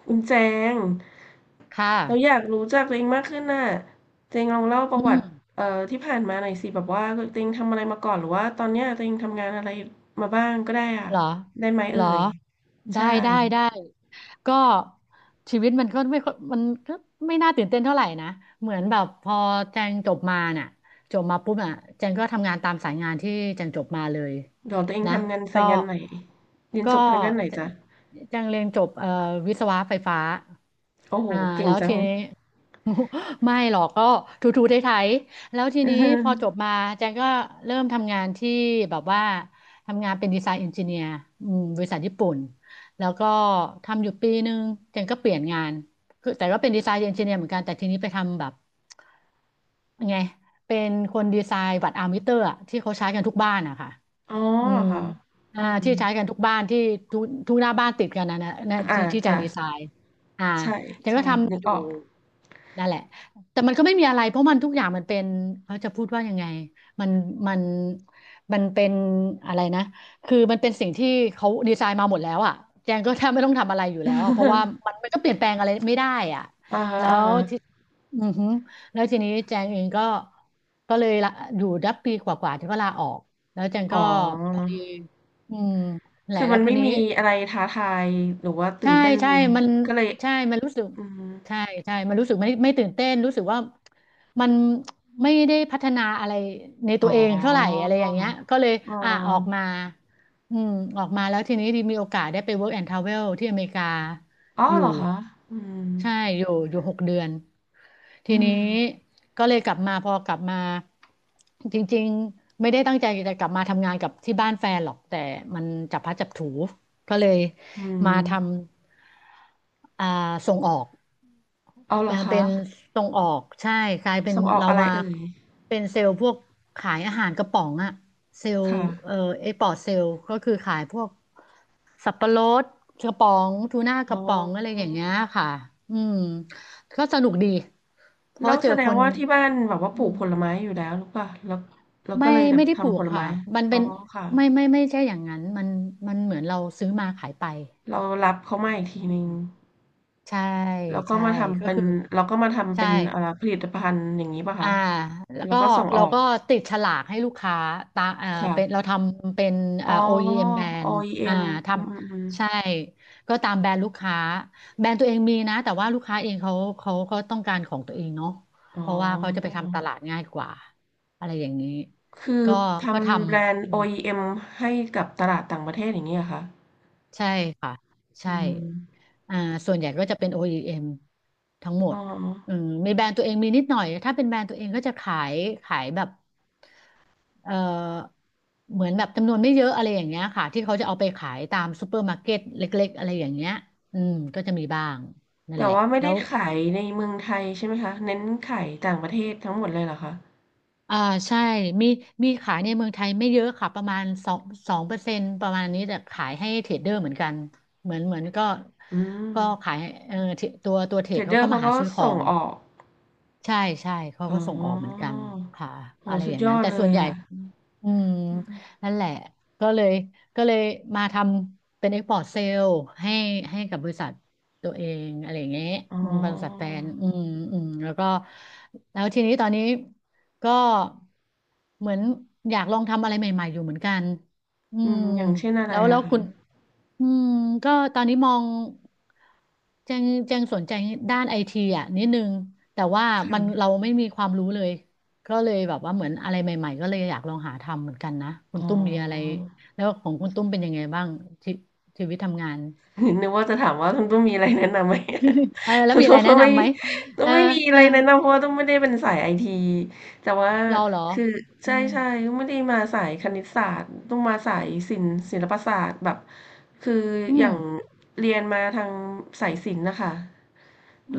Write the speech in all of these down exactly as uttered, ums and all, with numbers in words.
คุณแจงค่ะเราอยากรู้จักตัวเองมากขึ้นน่ะเจงลองเล่าประอืวัมติเอ่อที่ผ่านมาหน่อยสิแบบว่าตัวเองทำอะไรมาก่อนหรือว่าตอนเนี้ยตัวเองทำงานอะไรมาบ้างก็ได้อ่ะเหรอได้ไหมเหรเอ่อ ยได้ใช่ได้ได้ก็ชีวิตมันก็ไม่ค่อยมันก็ไม่น่าตื่นเต้นเท่าไหร่นะ เหมือนแบบพอแจงจบมาน่ะจบมาปุ๊บอ่ะแจงก็ทำงานตามสายงานที่แจงจบมาเลยเดี๋ยวตัวเองนะทำงานสาก็ยงานไหนเรียนก็จบทางด้านไหนแจจ๊ะแจงเรียนจบเอ่อวิศวะไฟฟ้าโอ้โหอ่าเก่งแล้วจัทีง นี้ ไม่หรอกก็ถูๆไถๆแล้วที เนี้พอจออบมาแจงก็เริ่มทำงานที่แบบว่า ทำงานเป็นดีไซน์เอนจิเนียร์บริษัทญี่ปุ่น แล้วก็ทำอยู่ปีหนึ่งเจนก็เปลี่ยนงานคือแต่ก็เป็นดีไซน์เอนจิเนียร์เหมือนกัน แต่ทีนี้ไปทำแบบยังไงเป็นคนดีไซน์วัดอาร์มิเตอร์อะที่เขาใช้กันทุกบ้านอะค่ะอ๋ออืเหรอมคะอ่าอืมที่ใช้กันทุกบ้านที่ทุกทุกหน้าบ้านติดกันนะนะนะอ่าที่ที่แจงจ้ะดีไซน์อ่าใช่เจงใช่ก็นึทำกอยู่ ออก นั่นแหละแต่มันก็ไม่มีอะไรเพราะมันทุกอย่างมันเป็นเขาจะพูดว่ายังไงมันมันมันเป็นอะไรนะคือมันเป็นสิ่งที่เขาดีไซน์มาหมดแล้วอ่ะแจงก็แทบไม่ต้องทำอะไรอยู่แล้วอ่ะเพราะว่ามัน มันก็เปลี่ยนแปลงอะไรไม่ได้อ่ะอ่าฮะแล้อ่าวฮะที่อือฮึแล้วทีนี้แจงเองก็ก็เลยละอยู่ดับปีกว่าๆที่ก็ลาออกแล้วแจงอ๋อ ก็พอดีอืมแหละคือแล้มัวนคไม่นนี้ มีอะไรท้าทายหรือว่าตื่ใช่นเต้นใช่มันก็เลยใช่มันรู้สึกอือใช่ใช่มันรู้สึกไม่ไม่ตื่นเต้นรู้สึกว่ามันไม่ได้พัฒนาอะไรในอ๋ตัอวเองเท่าไหร่อะไรอย่างเงี้ยก็เลยออ่ะออกมาอืมออกมาแล้วทีนี้ีมีโอกาสได้ไป work and travel ที่อเมริกาออออยู่เหรอคะอืมใช่อยู่อยู่หกเดือนทีอืนี้มก็เลยกลับมาพอกลับมาจริงๆไม่ได้ตั้งใจจะกลับมาทำงานกับที่บ้านแฟนหรอกแต่มันจับพลัดจับผลูก็เลย อืมามทำอ่าส่งออกอ้าวเหรอมาเป็คะนส่งออก ใช่กลายเป็นส่งออกเราอะไรมาเอ่ยเป็นเซลล์พวกขายอาหารกระป๋องอะเซลล์ค่ะเอ่อเอ็กพอร์ตเซลล์ก็คือขายพวกสับปะรดกระป๋องทูน่ากอ๋ระป๋องอะไรออย่างเงี้ยค่ะอืมก็สนุกดี เพแล้ราะวเจแสอดคงนว่าที่บ้านแบบว่าอืปลูกมผลไม้อยู่แล้วหรือเปล่าแล้วแล้วก็ไม่เลยแบบไม่ได้ปลูทำผกลค่ะ ไม้มันอ๋อเป็นค่ะไม่ไม่ไม่ใช่อย่างนั้นมันมันเหมือนเราซื้อมาขายไป เรารับเขามาอีกทีหนึ่งใช่แล้วก็ใช่มาทำก็เป็นคือแล้วก็มาทำใช่ เป็นอ่าผลิตภัณฑ์อย่างงี้เปล่าอ่าคะแล้วแล้วก็ก็ส่งอเราอก ก็ติดฉลากให้ลูกค้าตาอ่าค่ะเป็นเราทำเป็นอ๋อ่า อ โอ อี เอ็ม แบรนด์อ่า โอ อี เอ็ม ทออีเอ็มอืมอืมำใช่ก็ตามแบรนด์ลูกค้าแบรนด์ตัวเองมีนะแต่ว่าลูกค้าเองเขาเขาก็ต้องการของตัวเองเนาะอ๋อเพราะว่าเขาจะไปทำตลาดง่ายกว่าอะไรอย่างนี้คือก็ทก็ทำแบรนำอืด์ ม โอ อี เอ็ม ให้กับตลาดต่างประเทศอย่างนี้เหรอคะใช่ค่ะอืใช่มอ่าส่วนใหญ่ก็จะเป็น โอ อี เอ็ม ทั้งหมอ๋ดออืมมีแบรนด์ตัวเองมีนิดหน่อยถ้าเป็นแบรนด์ตัวเองก็จะขายขายแบบ เอ่อเหมือนแบบจำนวนไม่เยอะอะไรอย่างเงี้ยค่ะที่เขาจะเอาไปขายตามซูเปอร์มาร์เก็ตเล็กๆอะไรอย่างเงี้ยอืมก็จะมีบ้างนั่นแต่แหละว่าไม่แล้ได้วขายในเมืองไทยใช่ไหมคะเน้นขายต่างประเทศทั้งหมดเลยเหรอคะอ่าใช่มีมีขายในเมืองไทยไม่เยอะค่ะประมาณสองสองเปอร์เซ็นต์ประมาณนี้แต่ขายให้เทรดเดอร์เหมือนกันเหมือนเหมือนก็อืมก็ขายเออเทรดตัวตัวเทรเทรดดเดเขาอก็ร์เขามาหาก็ซื้อขอส่งง ออก ใช่ใช่เขาอ๋ก็ส่งออกเหมือนกัอนค่ะโหอะไรสุอดย่างยนั้อนดแต่เลส่วยนใหญ่อ่ะอืมอืมนั่นแหละก็เลยก็เลยมาทำเป็น export sale ให้ให้กับบริษัทตัวเองอะไรอย่างเงี้ยอ๋ออืมบริษัทแฟนอืมอืมแล้วก็แล้วทีนี้ตอนนี้ก็เหมือนอยากลองทำอะไรใหม่ๆอยู่เหมือนกัน อือืมมอย่างเช่นอะไรแล้วแล้อะวคะคุณอืมก็ตอนนี้มองแจงแจงสนใจด้านไอทีอ่ะนิดนึงแต่ว่ามันเราค่ะไม่มีความรู้เลยก็เลยแบบว่าเหมือนอะไรใหม่ๆก็เลยอยากลองหาทำเหมือนกันนะคุอ๋ณอ ตุ้มมีอะไรแล้วของคุณตุ้มเป็นยังไงบ้างชีชีวิตทำงาน นึกว่าจะถามว่าคุณตุ้มมีอะไรแนะนำไหม เออ แล้วคุณ มี อะตุ้ไรมก็แนะไม่นำไหมตุ้เอมอไม่มีอะเออไรแนะนำเพราะว่าตุ้มไม่ได้เป็นสายไอทีแต่ว่าเราเหรอคืออืใช่มใช่ตุ้มไม่ได้มาสายคณิตศาสตร์ตุ้มมาสายศิลป์ศิลปศาสตร์แบบคืออือมย่างเรียนมาทางสายศิลป์นะคะแ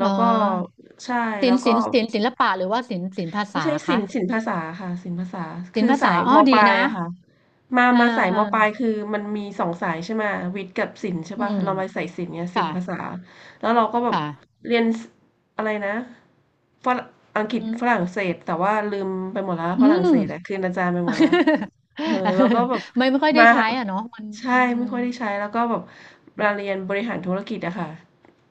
เอล้วก็อใช่ศิแล้ลวป์ก็ ศิลป์ศิลป์ศิลปะหรือว่าศิลป์ศิลป์ภาไม่ษาใช่ศิคะลป์ศิลปภาษาค่ะศิลปภาษาศิลคืป์อภาสาษายอ๋อมปดีลายนะอะค่ะมาอ่ามาสายมอ่า ปลายคือมันมีสองสายใช่ไหมวิทย์กับศิลป์ใช่อืป่ะมเรามาสายศิลป์เนี่ยศิค่ะ ลปภาษาแล้วเราก็แบบค่ะ เรียนอะไรนะฝรั่งอังกฤษอืมฝรั่งเศสแต่ว่าลืมไปหมดแล้วอืฝรั่งเศม สอะคืนอาจารย์ไปหมดแล้ว เออแล้วก็แบบไม่ไม่ค่อยได้มาใช้อ่ะเนาะมันใช่อืไม่มค่อยได้ใช้แล้วก็แบบมาเรียนบริหารธุรกิจอะค่ะ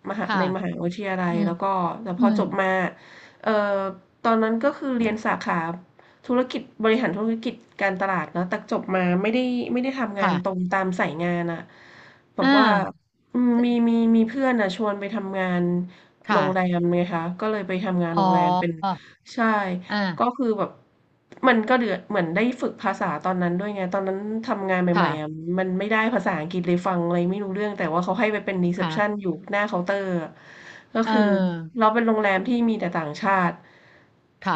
มหาค่ะ ในมหาวิทยาลัยอืมแล้วก็แต่พอือมจบมาเออ ตอนนั้นก็คือเรียนสาขาธุรกิจบริหารธุรกิจการตลาดเนอะแต่จบมาไม่ได้ไม่ได้ทำงานค่ะตรงตามสายงานอะแบบอ่าว่าอืมมีมีมีเพื่อนอะชวนไปทำงานโรค่ะงแรมไงคะก็เลยไปทำงานอ๋โรองแรมเป็นใช่ ก็อ่าคือแบบมันก็เดือดเหมือนได้ฝึกภาษาตอนนั้นด้วยไงตอนนั้นทำงานใหม่ๆอ่ะค่ะมันไม่ได้ภาษาอังกฤษเลยฟังอะไรไม่รู้เรื่องแต่ว่าเขาให้ไปเป็นรีเซพค่ะชันอยู่หน้าเคาน์เตอร์อะก็เอคืออเราเป็นโรงแรมที่มีแต่ต่างชาติค่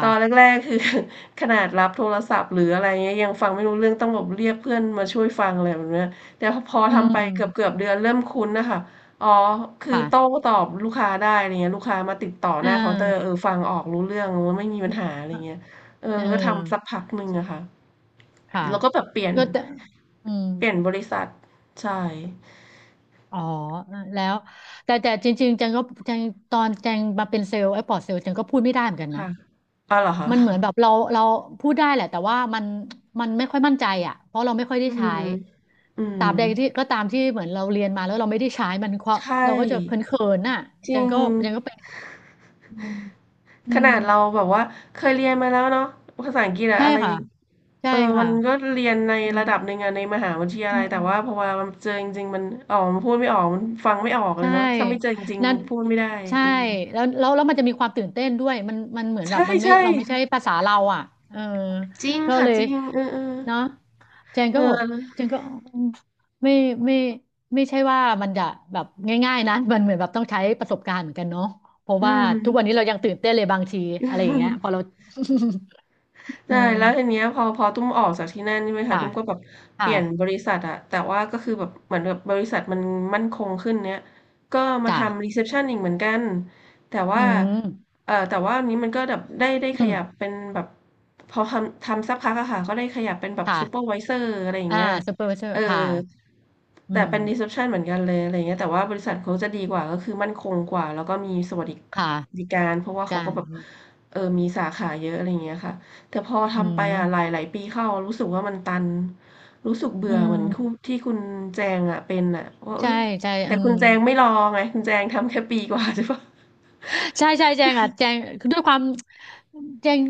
ตอนะแรกๆคือ ขนาดรับโทรศัพท์หรืออะไรเงี้ยยังฟังไม่รู้เรื่องต้องแบบเรียกเพื่อนมาช่วยฟังอะไรแบบเนี้ยแต่พออืทำไปเกมือบๆเดือนเริ่มคุ้นนะคะ อ๋อ คือโต้ค่ะตอบลูกค้าได้อะไรเงี้ยลูกค้ามาติดต่อเอหน้าเคาน์เตออร์เออฟังออกรู้เรื่องว่าไม่มีปัญหาอะไรเงี้ยเออเอก็ทำสักอพักหนึ่งอะค่ะใช่ค่ะแล้วก็แบบเปลี่ยนก็แต่อืมเปลี่ยนบริษัทใช่อ๋อเออแล้วแต่แต่จริงๆจังก็จังตอนจังมาเป็นเซลล์ไอ้ปอดเซลล์จังก็พูดไม่ได้เหมือนกันนะ ค่ะอ๋อเหรอคะมันเหมือนแบบเราเราพูดได้แหละแต่ว่ามันมันไม่ค่อยมั่นใจอ่ะเพราะเราไม่ค่อยได้อืใช้มอืตมราบใดที่ก็ตามที่เหมือนเราเรียนมาแล้วเราไม่ได้ใช้มันก็ใช่เราก็จะเขินๆน่ะจจัริงงก็จังก็เป็นอืมอืขมนาดเราแบบว่าเคยเรียนมาแล้วเนาะภาษาอังกฤษอะใช่อะไร ค่ะใช่เออค่ะมันก็เรียนในอืมระดับหนึ่งอะในมหาวิทยาอืลัยมแต่ว่าพอมามันเจอจริงๆ มันอ๋อมันพูดไม่ออก มันฟังไม่ออกเลใช่ยเนาะถ้าไม่เจอจริงนั้นๆ พูดไม่ได้ใช่อืมแล้วแล้วแล้วมันจะมีความตื่นเต้นด้วยมันมันเหมือนแบใช่บมันไม่ใช่เราไม่ใช่ภาษาเราอ่ะเออจริงก็ค่ะเลจย ริง เออเออเนาะเจนเก็บอกอเจอนก็อืมไม่ไม่ไม่ใช่ว่ามันจะแบบง่ายๆนะมันเหมือนแบบต้องใช้ประสบการณ์เหมือนกันเนาะเพราะอืว่าทุกวันนี้ม เรายังตื่นเต้นเลยบางทีอะไรอย่างเงี้ยพอเรา อืใช่มแล้วทีเนี้ยพอพอตุ้มออกจากที่นั่นใช่ไหมคะค่ะตุ้มก็แบบคเปลี่ยนบ่ะริษัทอะแต่ว่าก็คือแบบเหมือนแบบบริษัทมันมั่นคงขึ้นเนี้ยก็มาจ้ะทำรีเซพชันอีกเหมือนกันแต่อืว่ามเออแต่ว่าอันนี้มันก็แบบได้ได้ขอืมยับเป็นแบบพอทำทำสักพักอะค่ะก็ได้ขยับเป็นแบบค่ะซูเปอร์ไวเซอร์อะไรอย่างอ่าเงี้ยซูเปอร์วิเซอเอร์อค่ะอืแต่เป็นรีเซมพชันเหมือนกันเลยอะไรเงี้ยแต่ว่าบริษัทเขาจะดีกว่าก็คือมั่นคงกว่าแล้วก็มีสวัสดค่ะิการเพราะว่าเขากาก็รแบบเออมีสาขาเยอะอะไรเงี้ยค่ะ แต่พออืทำไปมอะหลายๆปีเข้ารู้สึกว่ามันตันรู้สึกเบื่อือเหมือนคู่มที่คุณแจงอะเป็นอะว่าเอ้ใช่ยใช่แต่อืคุม ณแจงไม่รอไงคุณแจงทำแค่ปีกว่า ใช่ปะใช่ใช่แจงอ่ะแจงคือด้วยความแจง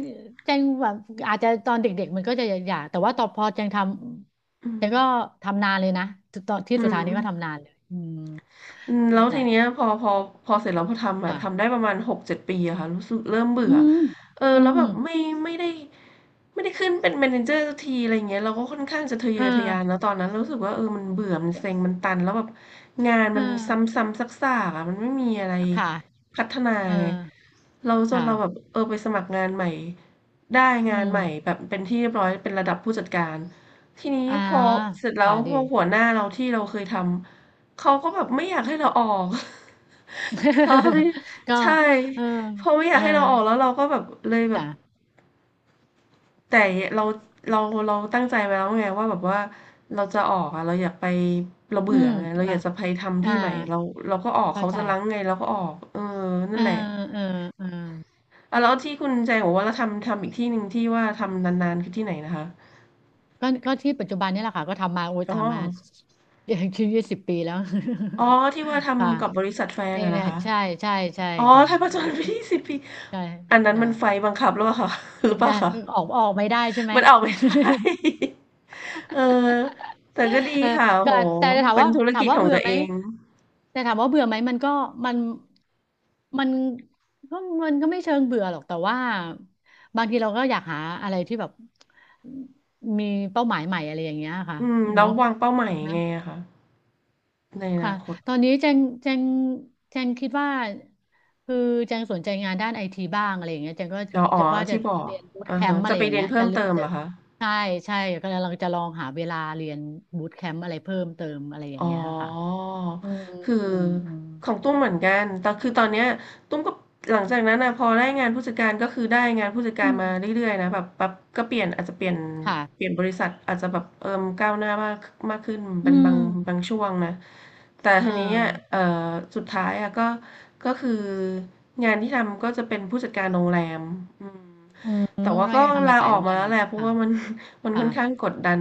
แจงแบบอาจจะตอนเด็กๆมันก็จะอยากแต่ว่าต่อพอแจงทอืำแจมงก็ทำนานเลยนะตอนที่อืสุดท้ายนี้ก็ม ทำนานเลยอืมอืมแล้วแต่ทีเนี้ยพอพอพอเสร็จแล้วพอทำอะอ่ะทำได้ประมาณหกถึงเจ็ดปีอะค่ะรู้สึกเริ่มเบื่อือมเอออืแล้มวอืแบบมไม่ไม่ได้ไม่ได้ขึ้นเป็น เมเนเจอร์ สักทีอะไรอย่างเงี้ยเราก็ค่อนข้างจะทะเยเออทะยานอแล้วตอนนั้นเรารู้สึกว่าเออมันเบื่อมันเซ็งมันตันแล้วแบบงานเอมันซอ้ำๆซากๆอะมันไม่มีอะไรค่ะพัฒนาเออไงเราจนค่ะเราแบบเออไปสมัครงานใหม่ได้อืงานมใหม่แบบเป็นที่เรียบร้อยเป็นระดับผู้จัดการทีนี้อ่าพอเสร็จแล้ค่ะวพดี อหัวหน้าเราที่เราเคยทำ เขาก็แบบไม่อยากให้เราออก เพราะที่ ก็ใช่เออเพราะไม่อเอยากอให้เราออกแล้วเราก็แบบเลยแบบจ้ะแต่เราเราเราตั้งใจไว้แล้วไงว่าแบบว่าเราจะออกอะเราอยากไปเราอืเบื่อมไงเราแล้อยาวกจะไปทำที่อ่าใหม่เราเราก็ออกเข้าเขาใจจะรั้งไงเราก็ออกเออเอนั่อนแหละเออเออ อ่าแล้วที่คุณแจงบอกว่าเราทำทำอีกที่หนึ่งที่ว่าทำนานๆคือที่ไหนนะคะก็ก็ที่ปัจจุบันนี่แหละค่ะก็ทำมาโอ้ยอ๋อทำมา อย่างชีวิตสิบปีแล้ว อ๋อที่ว่า ค่ะทำกับบริษัทแฟนเอ้ยอะนะนะคะ ใช่ใช่ใช่อ๋อค่ะไทยประจนว่าไปที่สิบปีใช่อันนั้อนย่ามันไฟบังคับหรือเปล่าคะ หรือเปอล่าย่าคะออกออกไม่ได้ใช่ไหม มันออกไม่ ได้ เออแต่ก็ดีเออค่ะโอก็แต่จะถามเป็นว่าธุรถากิมจว่าของเบื่อตัวไหมเองแต่ถามว่าเบื่อไหมมันก็มันมันก็มันก็ไม่เชิงเบื่อหรอกแต่ว่าบางทีเราก็อยากหาอะไรที่แบบมีเป้าหมายใหม่อะไรอย่างเงี้ยค่ะอืมแล้วเนาะ วางเป้าหมายยังไงอะคะในอค่ะนาคตตอนนี้แจงแจงแจงคิดว่าคือแจงสนใจงานด้านไอทีบ้างอะไรอย่างเงี้ยแจงก็เราอ๋จะอว่าจะที่บอกเรียนบูตอาแคฮะมป์อะจะไรไปอย่างเรียนเงี้ยเพิ่จะมเติมเหจะรอคะ ใช่ใช่กำลังจะลองหาเวลาเรียนบูตแคมป์อะไรเพิ่มเติมอะไรอย่าอ๋งอเงี้ยค่ะอืมคืออืมอืมของตุ้มเหมือนกันแต่คือตอนเนี้ยตุ้มก็หลังจากนั้นนะพอได้งานผู้จัดการก็คือได้งานผู้จัดกาอืรมามเรื่อยๆนะแบบแบบก็เปลี่ยนอาจจะเปลี่ยนค่ะเปลี่ยนบริษัทอาจจะแบบเอิ่มก้าวหน้ามากมากขึ้นอืเป็นบางบามงช่วงนะแต่เออทีนี้อ่ะเอ่อสุดท้ายอ่ะก็ก็คืองานที่ทำก็จะเป็นผู้จัดการโรงแรมอืมอืมแต่ว่าก็ก็ยังทำงาลานสาอยอกโรงมาแรมแล้วอยู่แหละเพราะค่ะว่ามัน มันค่ะค่อนข้างกดดัน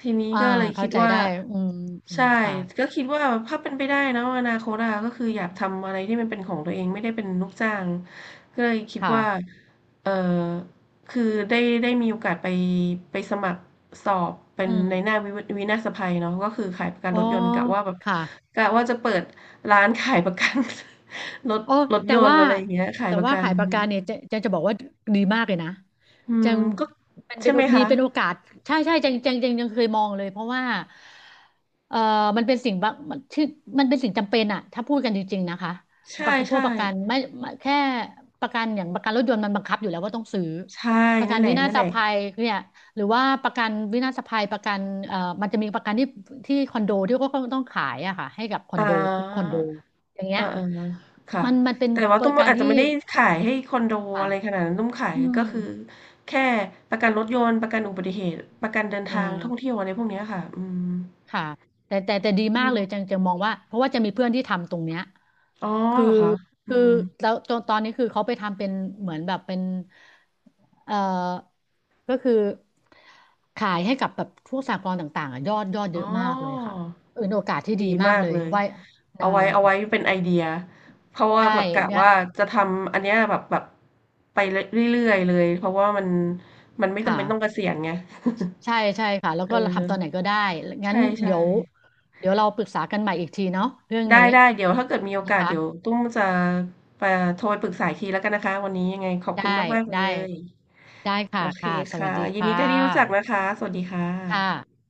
ทีนี้อ่าก็เลยคิเข้าดใจว่าได้อืมอืใช่มค่ะก็คิดว่าถ้าเป็นไปได้เนาะอนาคตอะก็คืออยากทำอะไรที่มันเป็นของตัวเองไม่ได้เป็นลูกจ้างก็เลยคิดว่าค่ะเออคือได้ได้มีโอกาสไปไปสมัครสอบเป็อืนในหมน้าวิวินาศภัยเนาะก็คือขายประกันอ๋อรถยนต์กะว่าแบบค่ะ กะว่าจะเปิดร้านขายประกัน รถอ๋อรถแต่ยนต์ว่าอะไรอย่างเงี้ยขายแต่ประว่ากันขายปากอืกาเนี่ยเจะมจะจะบอกว่าดีมากเลยนะอืจัมงก็มันเป็ใช่นไหมมีคะเป็นโอกาสใช่ใช่จังจังจังยังเคยมองเลยเพราะว่าเอ่อมันเป็นสิ่งบางมันที่มันเป็นสิ่งจำเป็นอะถ้าพูดกันจริงๆนะคะปใช่ระกันพวกใช่ประกันไม่ไม่แค่ประกันอย่างประกันรถยนต์มันบังคับอยู่แล้วว่าต้องซื้อใช่ประกันั่นนแหละวินานั่นศแหละ ภัยเนี่ยหรือว่าประกันวินาศภัยประกันเอ่อมันจะมีประกันที่ที่คอนโดที่ก็ต้องขายอะค่ะให้กับคอนอาโดทุกคอนโด อย่างเงี้อายๆค่ะมันมันเป็นแต่ว่าตุ้มการอาจจะที่ไม่ได้ขายให้คอนโดค่ะอะไรขนาดนั้นตุ้มขายอืมก็คือแค่ประกันรถยนต์ประกันอุบัติเหตุประกันเดินเออทางท่องเที่ยวอะไรพวกเนี้ยค่ะอืมค่ะแต่แต่แต่ดีอืมากเลยจัมงจะมองว่าเพราะว่าจะมีเพื่อนที่ทำตรงเนี้ยอ๋อคือเหรอคะอืคือมแล้วตอนตอนนี้คือเขาไปทำเป็นเหมือนแบบเป็นเอ่อก็คือขายให้กับแบบพวกสหกรณ์ต่างๆอะยอดยอดอ๋เยออะมากเลยค่ะเออเป็นโอกาสที่ดีดีมามากกเลยเลยไว้นะเอาไว้เอาไว้เป็นไอเดียเพราะว่าใช่แบบกะและว่าจะทำอันเนี้ยแบบแบบไปรเรื่อยๆเลยเพราะว่ามันมันไม่จำเป็นต้องเกค่ะ ษียณไง ใช่ใช่ค่ะแล้ว เอก็เราอทำตอนไหนก็ได้ ใงั้นเดี๋ช่ยวๆ เดี๋ยวเราปรึกษากันใหม่อีกทีเนาะเรื่องไดนี้้ๆเดี๋ยวถ้าเกิดมีโอนะกาสเดี๋ยวคะตุ้มจะไปโทรปปรึกษาอีกทีแล้วกันนะคะวันนี้ยังไงขอบได้คุณมากๆเลได้ยได้ค่ะโอเคค่ะสวัค่ะสดียินค่ดีได้ที่รู้จักะนะคะสวัสดีค่ะค่ะ